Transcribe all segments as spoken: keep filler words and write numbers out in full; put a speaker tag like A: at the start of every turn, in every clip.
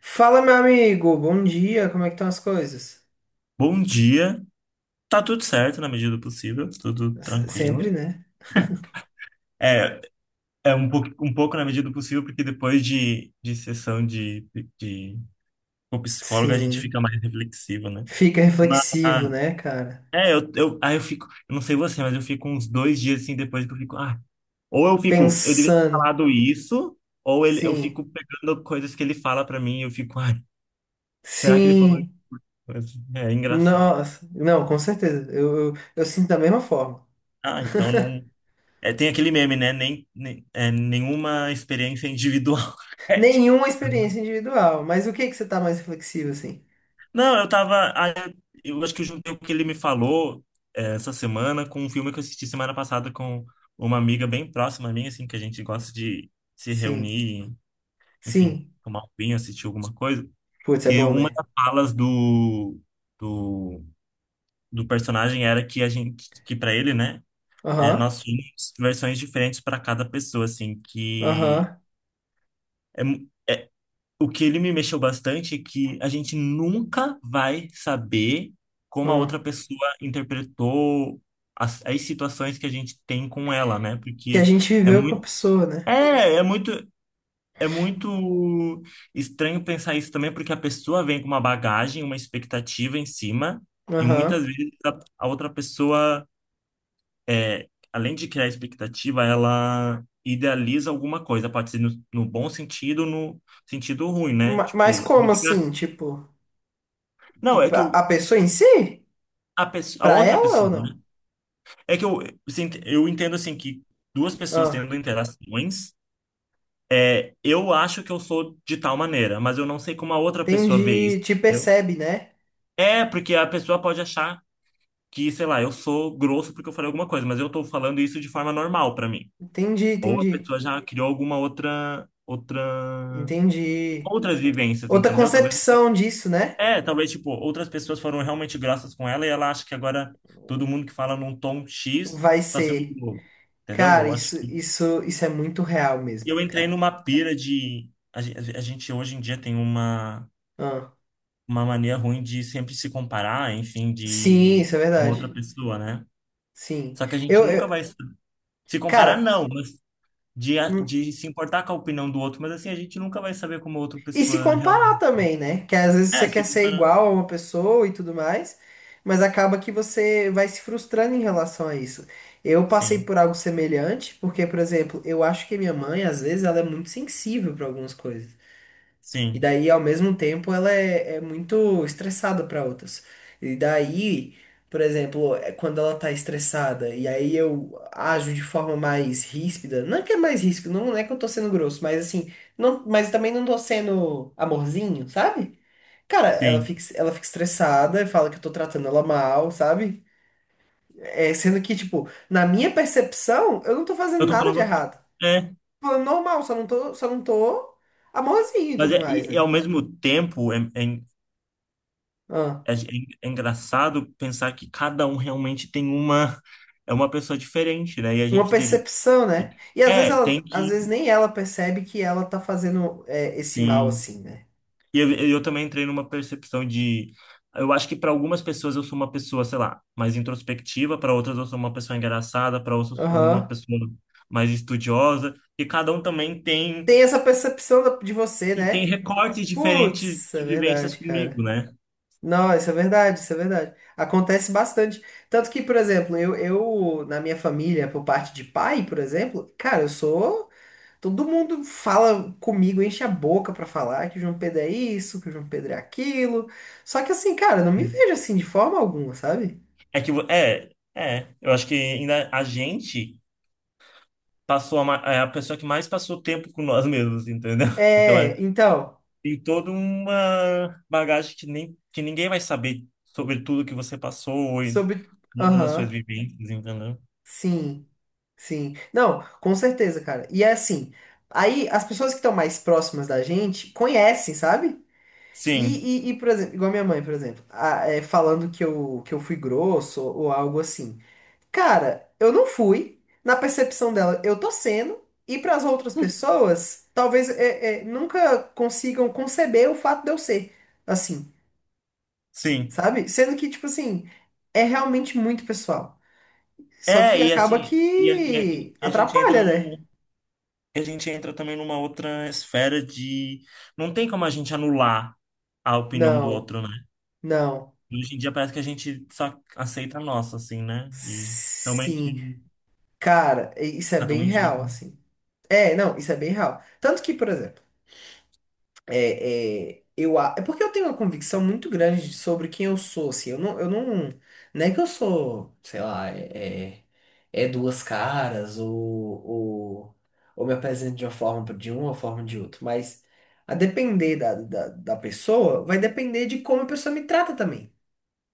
A: Fala, meu amigo, bom dia, como é que estão as coisas?
B: Bom dia. Tá tudo certo na medida do possível, tudo
A: S-
B: tranquilo.
A: Sempre, né?
B: É, é um pouco, um pouco na medida do possível, porque depois de, de sessão de, de, com psicólogo a gente
A: Sim.
B: fica mais reflexivo, né?
A: Fica
B: Mas,
A: reflexivo, né, cara?
B: é, eu, eu, aí eu fico, eu não sei você, mas eu fico uns dois dias assim depois que eu fico, ah, ou eu fico, eu devia ter
A: Pensando.
B: falado isso, ou ele, eu fico
A: Sim.
B: pegando coisas que ele fala pra mim e eu fico, ai, será que ele falou
A: Sim.
B: isso? É engraçado.
A: Nossa. Não, com certeza. Eu, eu, eu sinto da mesma forma.
B: Ah, então não. É, tem aquele meme, né? Nem, nem- é, nenhuma experiência é individual. É, tipo,
A: Nenhuma experiência individual, mas o que que você tá mais reflexivo assim?
B: não, eu tava. ah, Eu eu acho que eu juntei o que ele me falou, é, essa semana com um filme que eu assisti semana passada com uma amiga bem próxima minha, assim, que a gente gosta de se
A: Sim.
B: reunir, enfim,
A: Sim.
B: tomar um vinho, assistir alguma coisa.
A: Putz, é
B: Que
A: bom,
B: uma
A: né?
B: das falas do, do, do personagem era que a gente, que para ele, né? É,
A: Aham.
B: nós tínhamos versões diferentes para cada pessoa, assim, que,
A: Aham.
B: é, mu- é, o que ele me mexeu bastante é que a gente nunca vai saber como a outra
A: Hum.
B: pessoa interpretou as, as situações que a gente tem com ela, né?
A: Que a
B: Porque
A: gente
B: é
A: viveu com a
B: muito,
A: pessoa, né?
B: é, é muito, é muito estranho pensar isso também, porque a pessoa vem com uma bagagem, uma expectativa em cima, e muitas
A: Aham.
B: vezes a, a outra pessoa, é, além de criar expectativa, ela idealiza alguma coisa, pode ser no, no bom sentido, no sentido ruim, né?
A: Ma- Mas
B: Tipo, é
A: como
B: muito engraçado.
A: assim? Tipo,
B: Não, é que eu,
A: a a pessoa em si?
B: a, pesso- a
A: Pra
B: outra
A: ela ou
B: pessoa, né?
A: não?
B: É que eu, você ent- eu entendo assim que duas pessoas
A: Ah,
B: tendo interações, é, eu acho que eu sou de tal maneira, mas eu não sei como a outra pessoa vê isso,
A: entendi. Te
B: entendeu?
A: percebe, né?
B: É, porque a pessoa pode achar que, sei lá, eu sou grosso porque eu falei alguma coisa, mas eu tô falando isso de forma normal pra mim.
A: Entendi,
B: Ou a
A: entendi.
B: pessoa já criou alguma outra, outra,
A: Entendi.
B: outras vivências,
A: Outra
B: entendeu? Talvez
A: concepção disso, né?
B: é, talvez, tipo, outras pessoas foram realmente graças com ela e ela acha que agora todo mundo que fala num tom X
A: Vai
B: tá sendo
A: ser.
B: Globo. Entendeu?
A: Cara,
B: Eu acho
A: isso,
B: que
A: isso, isso é muito real mesmo,
B: eu entrei
A: cara.
B: numa pira de. A gen- a gente hoje em dia tem uma,
A: Ah,
B: uma mania ruim de sempre se comparar, enfim,
A: sim,
B: de
A: isso é
B: uma outra
A: verdade.
B: pessoa, né?
A: Sim.
B: Só que a gente
A: Eu,
B: nunca
A: eu-
B: vai sa- se comparar,
A: Cara.
B: não, mas de, a- de se importar com a opinião do outro, mas assim, a gente nunca vai saber como a outra
A: E se
B: pessoa
A: comparar
B: realmente.
A: também, né? Que às vezes
B: É,
A: você quer
B: se
A: ser
B: comparar.
A: igual a uma pessoa e tudo mais, mas acaba que você vai se frustrando em relação a isso. Eu passei
B: Sim,
A: por algo semelhante, porque, por exemplo, eu acho que minha mãe, às vezes, ela é muito sensível para algumas coisas. E
B: sim,
A: daí, ao mesmo tempo, ela é, é muito estressada para outras. E daí, por exemplo, é quando ela tá estressada e aí eu ajo de forma mais ríspida, não é que é mais ríspido, não é que eu tô sendo grosso, mas assim, não, mas também não tô sendo amorzinho, sabe? Cara, ela
B: sim.
A: fica, ela fica estressada e fala que eu tô tratando ela mal, sabe? É, sendo que, tipo, na minha percepção, eu não tô fazendo
B: Eu tô
A: nada de
B: falando aqui.
A: errado.
B: É.
A: Falando normal, só não tô, só não tô amorzinho e
B: Mas
A: tudo
B: é,
A: mais,
B: e, e ao mesmo tempo é, é,
A: né?
B: é, é é engraçado pensar que cada um realmente tem uma é uma pessoa diferente, né? E a
A: Uma
B: gente diria,
A: percepção, né? E às vezes
B: é,
A: ela,
B: tem
A: às vezes
B: que
A: nem ela percebe que ela tá fazendo é, esse mal
B: sim.
A: assim, né?
B: E eu, eu também entrei numa percepção de eu acho que para algumas pessoas eu sou uma pessoa, sei lá, mais introspectiva, para outras eu sou uma pessoa engraçada, para outras eu sou uma
A: Aham.
B: pessoa mais estudiosa, e cada um também tem
A: Tem essa percepção da- de você,
B: e tem
A: né?
B: recortes diferentes
A: Putz,
B: de
A: é
B: vivências
A: verdade,
B: comigo,
A: cara.
B: né?
A: Não, isso é verdade, isso é verdade. Acontece bastante. Tanto que, por exemplo, eu, eu na minha família, por parte de pai, por exemplo, cara, eu sou. Todo mundo fala comigo, enche a boca pra falar que o João Pedro é isso, que o João Pedro é aquilo. Só que assim, cara, eu não me vejo assim de forma alguma, sabe?
B: É que, vo- é, é, eu acho que ainda a gente passou a, ma- é a pessoa que mais passou tempo com nós mesmos, entendeu? Então é,
A: É, então,
B: tem toda uma bagagem que nem, que ninguém vai saber sobre tudo que você passou e
A: sobre.
B: todas as suas
A: Aham,
B: vivências, entendeu?
A: sim, sim. Não, com certeza, cara. E é assim, aí as pessoas que estão mais próximas da gente conhecem, sabe?
B: Sim,
A: E, e, e, por exemplo, igual minha mãe, por exemplo, a- é, falando que eu, que eu fui grosso ou algo assim. Cara, eu não fui. Na percepção dela, eu tô sendo. E para as outras pessoas, talvez é, é, nunca consigam conceber o fato de eu ser assim,
B: sim.
A: sabe? Sendo que, tipo assim, é realmente muito pessoal. Só
B: É,
A: que
B: e
A: acaba
B: assim, e, a- e, a
A: que
B: e a gente entra
A: atrapalha, né?
B: num, e a gente entra também numa outra esfera de não tem como a gente anular a opinião do
A: Não,
B: outro, né?
A: não.
B: E hoje em dia parece que a gente só aceita a nossa, assim, né? E realmente
A: Sim. Cara, isso é
B: cada um
A: bem
B: é
A: real,
B: indivíduo.
A: assim. É, não, isso é bem real. Tanto que, por exemplo, é, é, eu, a- é porque eu tenho uma convicção muito grande de- sobre quem eu sou, assim. Eu não, eu não, não é que eu sou, sei lá, é, é, é duas caras ou, ou, ou me apresento de uma forma pra- de uma ou forma de outra. Mas a depender da, da, da pessoa, vai depender de como a pessoa me trata também.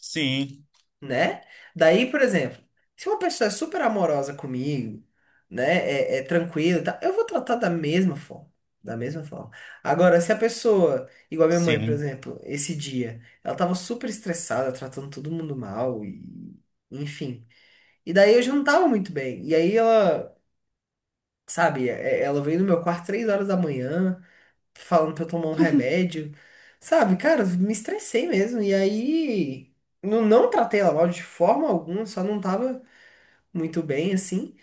B: Sim,
A: Né? Daí, por exemplo, se uma pessoa é super amorosa comigo, né, é, é tranquila, e tal, eu vou tratar da mesma forma. Da mesma forma. Agora, se a pessoa, igual a minha mãe, por
B: sim,
A: exemplo, esse dia, ela tava super estressada, tratando todo mundo mal, e enfim. E daí eu já não tava muito bem. E aí ela, sabe, é- ela veio no meu quarto três horas da manhã falando pra eu tomar um remédio. Sabe, cara, me estressei mesmo. E aí, não, não tratei ela mal de forma alguma, só não tava muito bem, assim.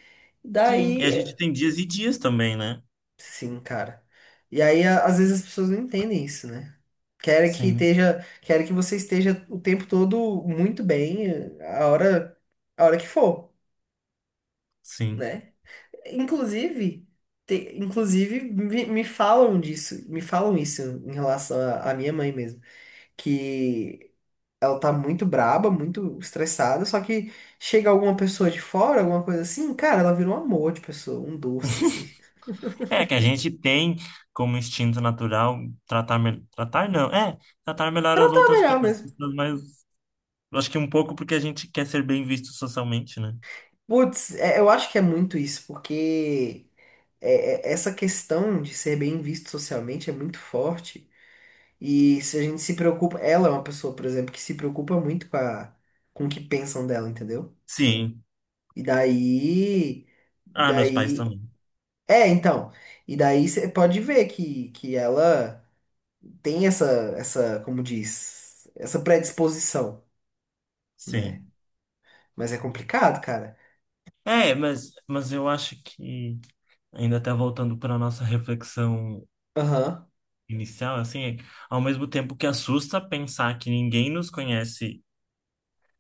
B: sim. E a
A: Daí,
B: gente tem dias e dias também, né?
A: sim, cara. E aí, a- às vezes as pessoas não entendem isso, né? Querem que
B: Sim,
A: esteja, querem que você esteja o tempo todo muito bem, a hora, a hora que for,
B: sim.
A: né? Inclusive, te- inclusive me, me falam disso, me falam isso em relação à à minha mãe mesmo, que ela tá muito braba, muito estressada, só que chega alguma pessoa de fora, alguma coisa assim, cara, ela vira um amor de pessoa, um doce, assim.
B: É que a gente tem como instinto natural tratar, me- tratar não, é, tratar melhor as
A: Tratar
B: outras pe-
A: melhor
B: as
A: mesmo.
B: pessoas, mas eu acho que um pouco porque a gente quer ser bem visto socialmente, né?
A: Putz, é, eu acho que é muito isso, porque é, é, essa questão de ser bem visto socialmente é muito forte. E se a gente se preocupa, ela é uma pessoa, por exemplo, que se preocupa muito com a, com o que pensam dela, entendeu?
B: Sim.
A: E daí,
B: Ah, meus pais
A: daí,
B: também.
A: é, então, e daí você pode ver que, que ela tem essa, essa, como diz, essa predisposição, né?
B: Sim.
A: Mas é complicado, cara.
B: É, mas, mas eu acho que, ainda até voltando para a nossa reflexão
A: Aham.
B: inicial, assim, ao mesmo tempo que assusta pensar que ninguém nos conhece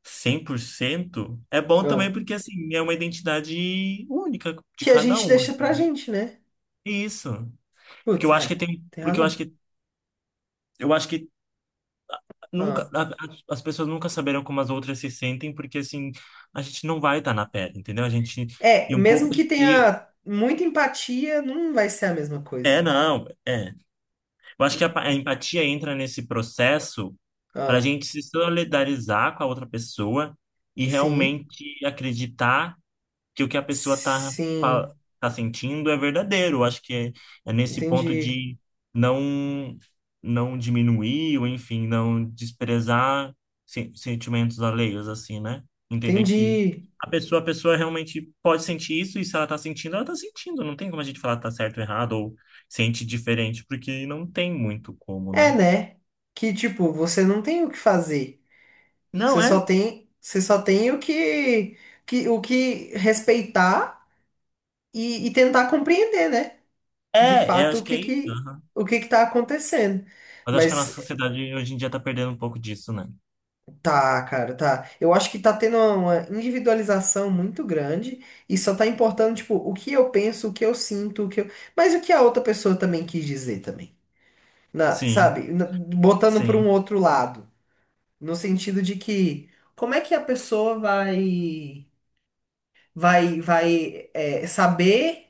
B: cem por cento é bom também
A: Ah.
B: porque, assim, é uma identidade única de
A: Que a
B: cada
A: gente
B: um. É
A: deixa pra gente, né?
B: isso. Porque eu
A: Putz,
B: acho que
A: é,
B: tem,
A: tem
B: porque eu acho
A: razão.
B: que eu acho que nunca
A: Ah.
B: a- a- as pessoas nunca saberão como as outras se sentem, porque assim, a gente não vai estar na pele, entendeu? A gente
A: É,
B: e um pouco
A: mesmo que
B: e
A: tenha muita empatia, não vai ser a mesma coisa.
B: é não, é eu acho que a, pa- a empatia entra nesse processo para a
A: Ah,
B: gente se solidarizar com a outra pessoa e
A: sim,
B: realmente acreditar que o que a pessoa tá, fa-
A: sim,
B: tá sentindo é verdadeiro. Eu acho que é, é nesse ponto
A: entendi,
B: de não não diminuir ou enfim, não desprezar sen- sentimentos alheios assim, né? Entender que
A: entendi.
B: a pessoa, a pessoa realmente pode sentir isso e se ela tá sentindo, ela tá sentindo. Não tem como a gente falar que tá certo ou errado ou sente diferente, porque não tem muito como,
A: É,
B: né?
A: né? Que tipo, você não tem o que fazer.
B: Não,
A: Você
B: é.
A: só tem, você só tem o que, que o que respeitar e, e tentar compreender, né? De
B: É, é,
A: fato,
B: acho
A: o
B: que
A: que
B: é isso.
A: que
B: Aham.
A: o que que tá acontecendo.
B: Mas acho que a nossa
A: Mas
B: sociedade hoje em dia tá perdendo um pouco disso, né?
A: tá, cara, tá. Eu acho que tá tendo uma individualização muito grande e só tá importando, tipo, o que eu penso, o que eu sinto, o que eu... Mas o que a outra pessoa também quis dizer também. Na,
B: Sim,
A: sabe? Na- Botando para um
B: sim,
A: outro lado, no sentido de que como é que a pessoa vai vai vai é, saber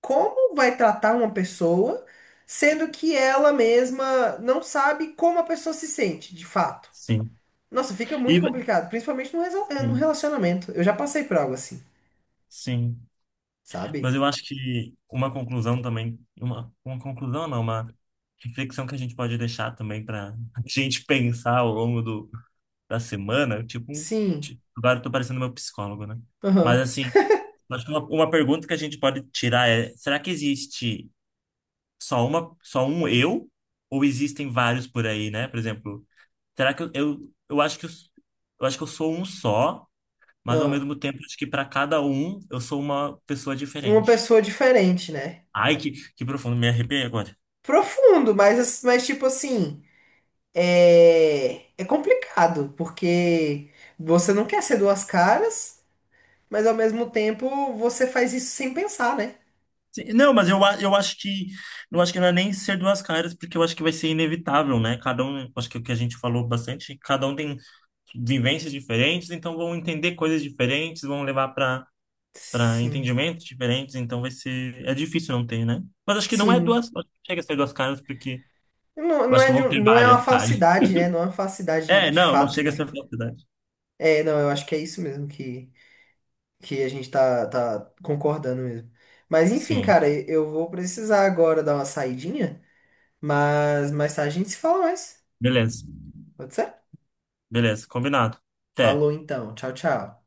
A: como vai tratar uma pessoa, sendo que ela mesma não sabe como a pessoa se sente, de fato.
B: sim.
A: Nossa, fica muito
B: E,
A: complicado, principalmente no, resol- eh, no
B: sim,
A: relacionamento. Eu já passei por algo assim,
B: sim.
A: sabe?
B: Mas eu acho que uma conclusão também, uma, uma conclusão não, uma reflexão que a gente pode deixar também para a gente pensar ao longo do, da semana, tipo, um-
A: Sim.
B: ti- agora eu tô parecendo meu psicólogo, né? Mas
A: Aham.
B: assim, eu acho que uma, uma pergunta que a gente pode tirar é, será que existe só uma, só um eu? Ou existem vários por aí, né? Por exemplo, será que eu, eu, eu acho que eu, eu acho que eu sou um só? Mas ao
A: Aham.
B: mesmo tempo, acho que para cada um eu sou uma pessoa
A: Uma
B: diferente.
A: pessoa diferente, né?
B: Ai, que, que profundo, me arrepiei agora.
A: Profundo, mas, mas tipo assim, é, é complicado, porque você não quer ser duas caras, mas ao mesmo tempo você faz isso sem pensar, né?
B: Sim, não, mas eu, a- eu acho que não acho que não é nem ser duas caras, porque eu acho que vai ser inevitável, né? Cada um, acho que é o que a gente falou bastante, cada um tem vivências diferentes, então vão entender coisas diferentes, vão levar para para
A: Sim.
B: entendimentos diferentes, então vai ser é difícil não ter, né? Mas acho que não é duas,
A: Sim,
B: acho que não chega a ser duas caras, porque
A: não,
B: eu
A: não
B: acho que
A: é de
B: vão
A: um-
B: ter
A: não é uma
B: várias caras.
A: falsidade, né? Não é uma falsidade de,
B: É,
A: de
B: não, não
A: fato,
B: chega a
A: né?
B: ser duas verdade.
A: É, não, eu acho que é isso mesmo que, que a gente tá, tá concordando mesmo. Mas enfim,
B: Sim,
A: cara, e- eu vou precisar agora dar uma saidinha, mas mais tarde a gente se fala mais.
B: beleza.
A: Pode ser?
B: Beleza, combinado. Até.
A: Falou então. Tchau, tchau.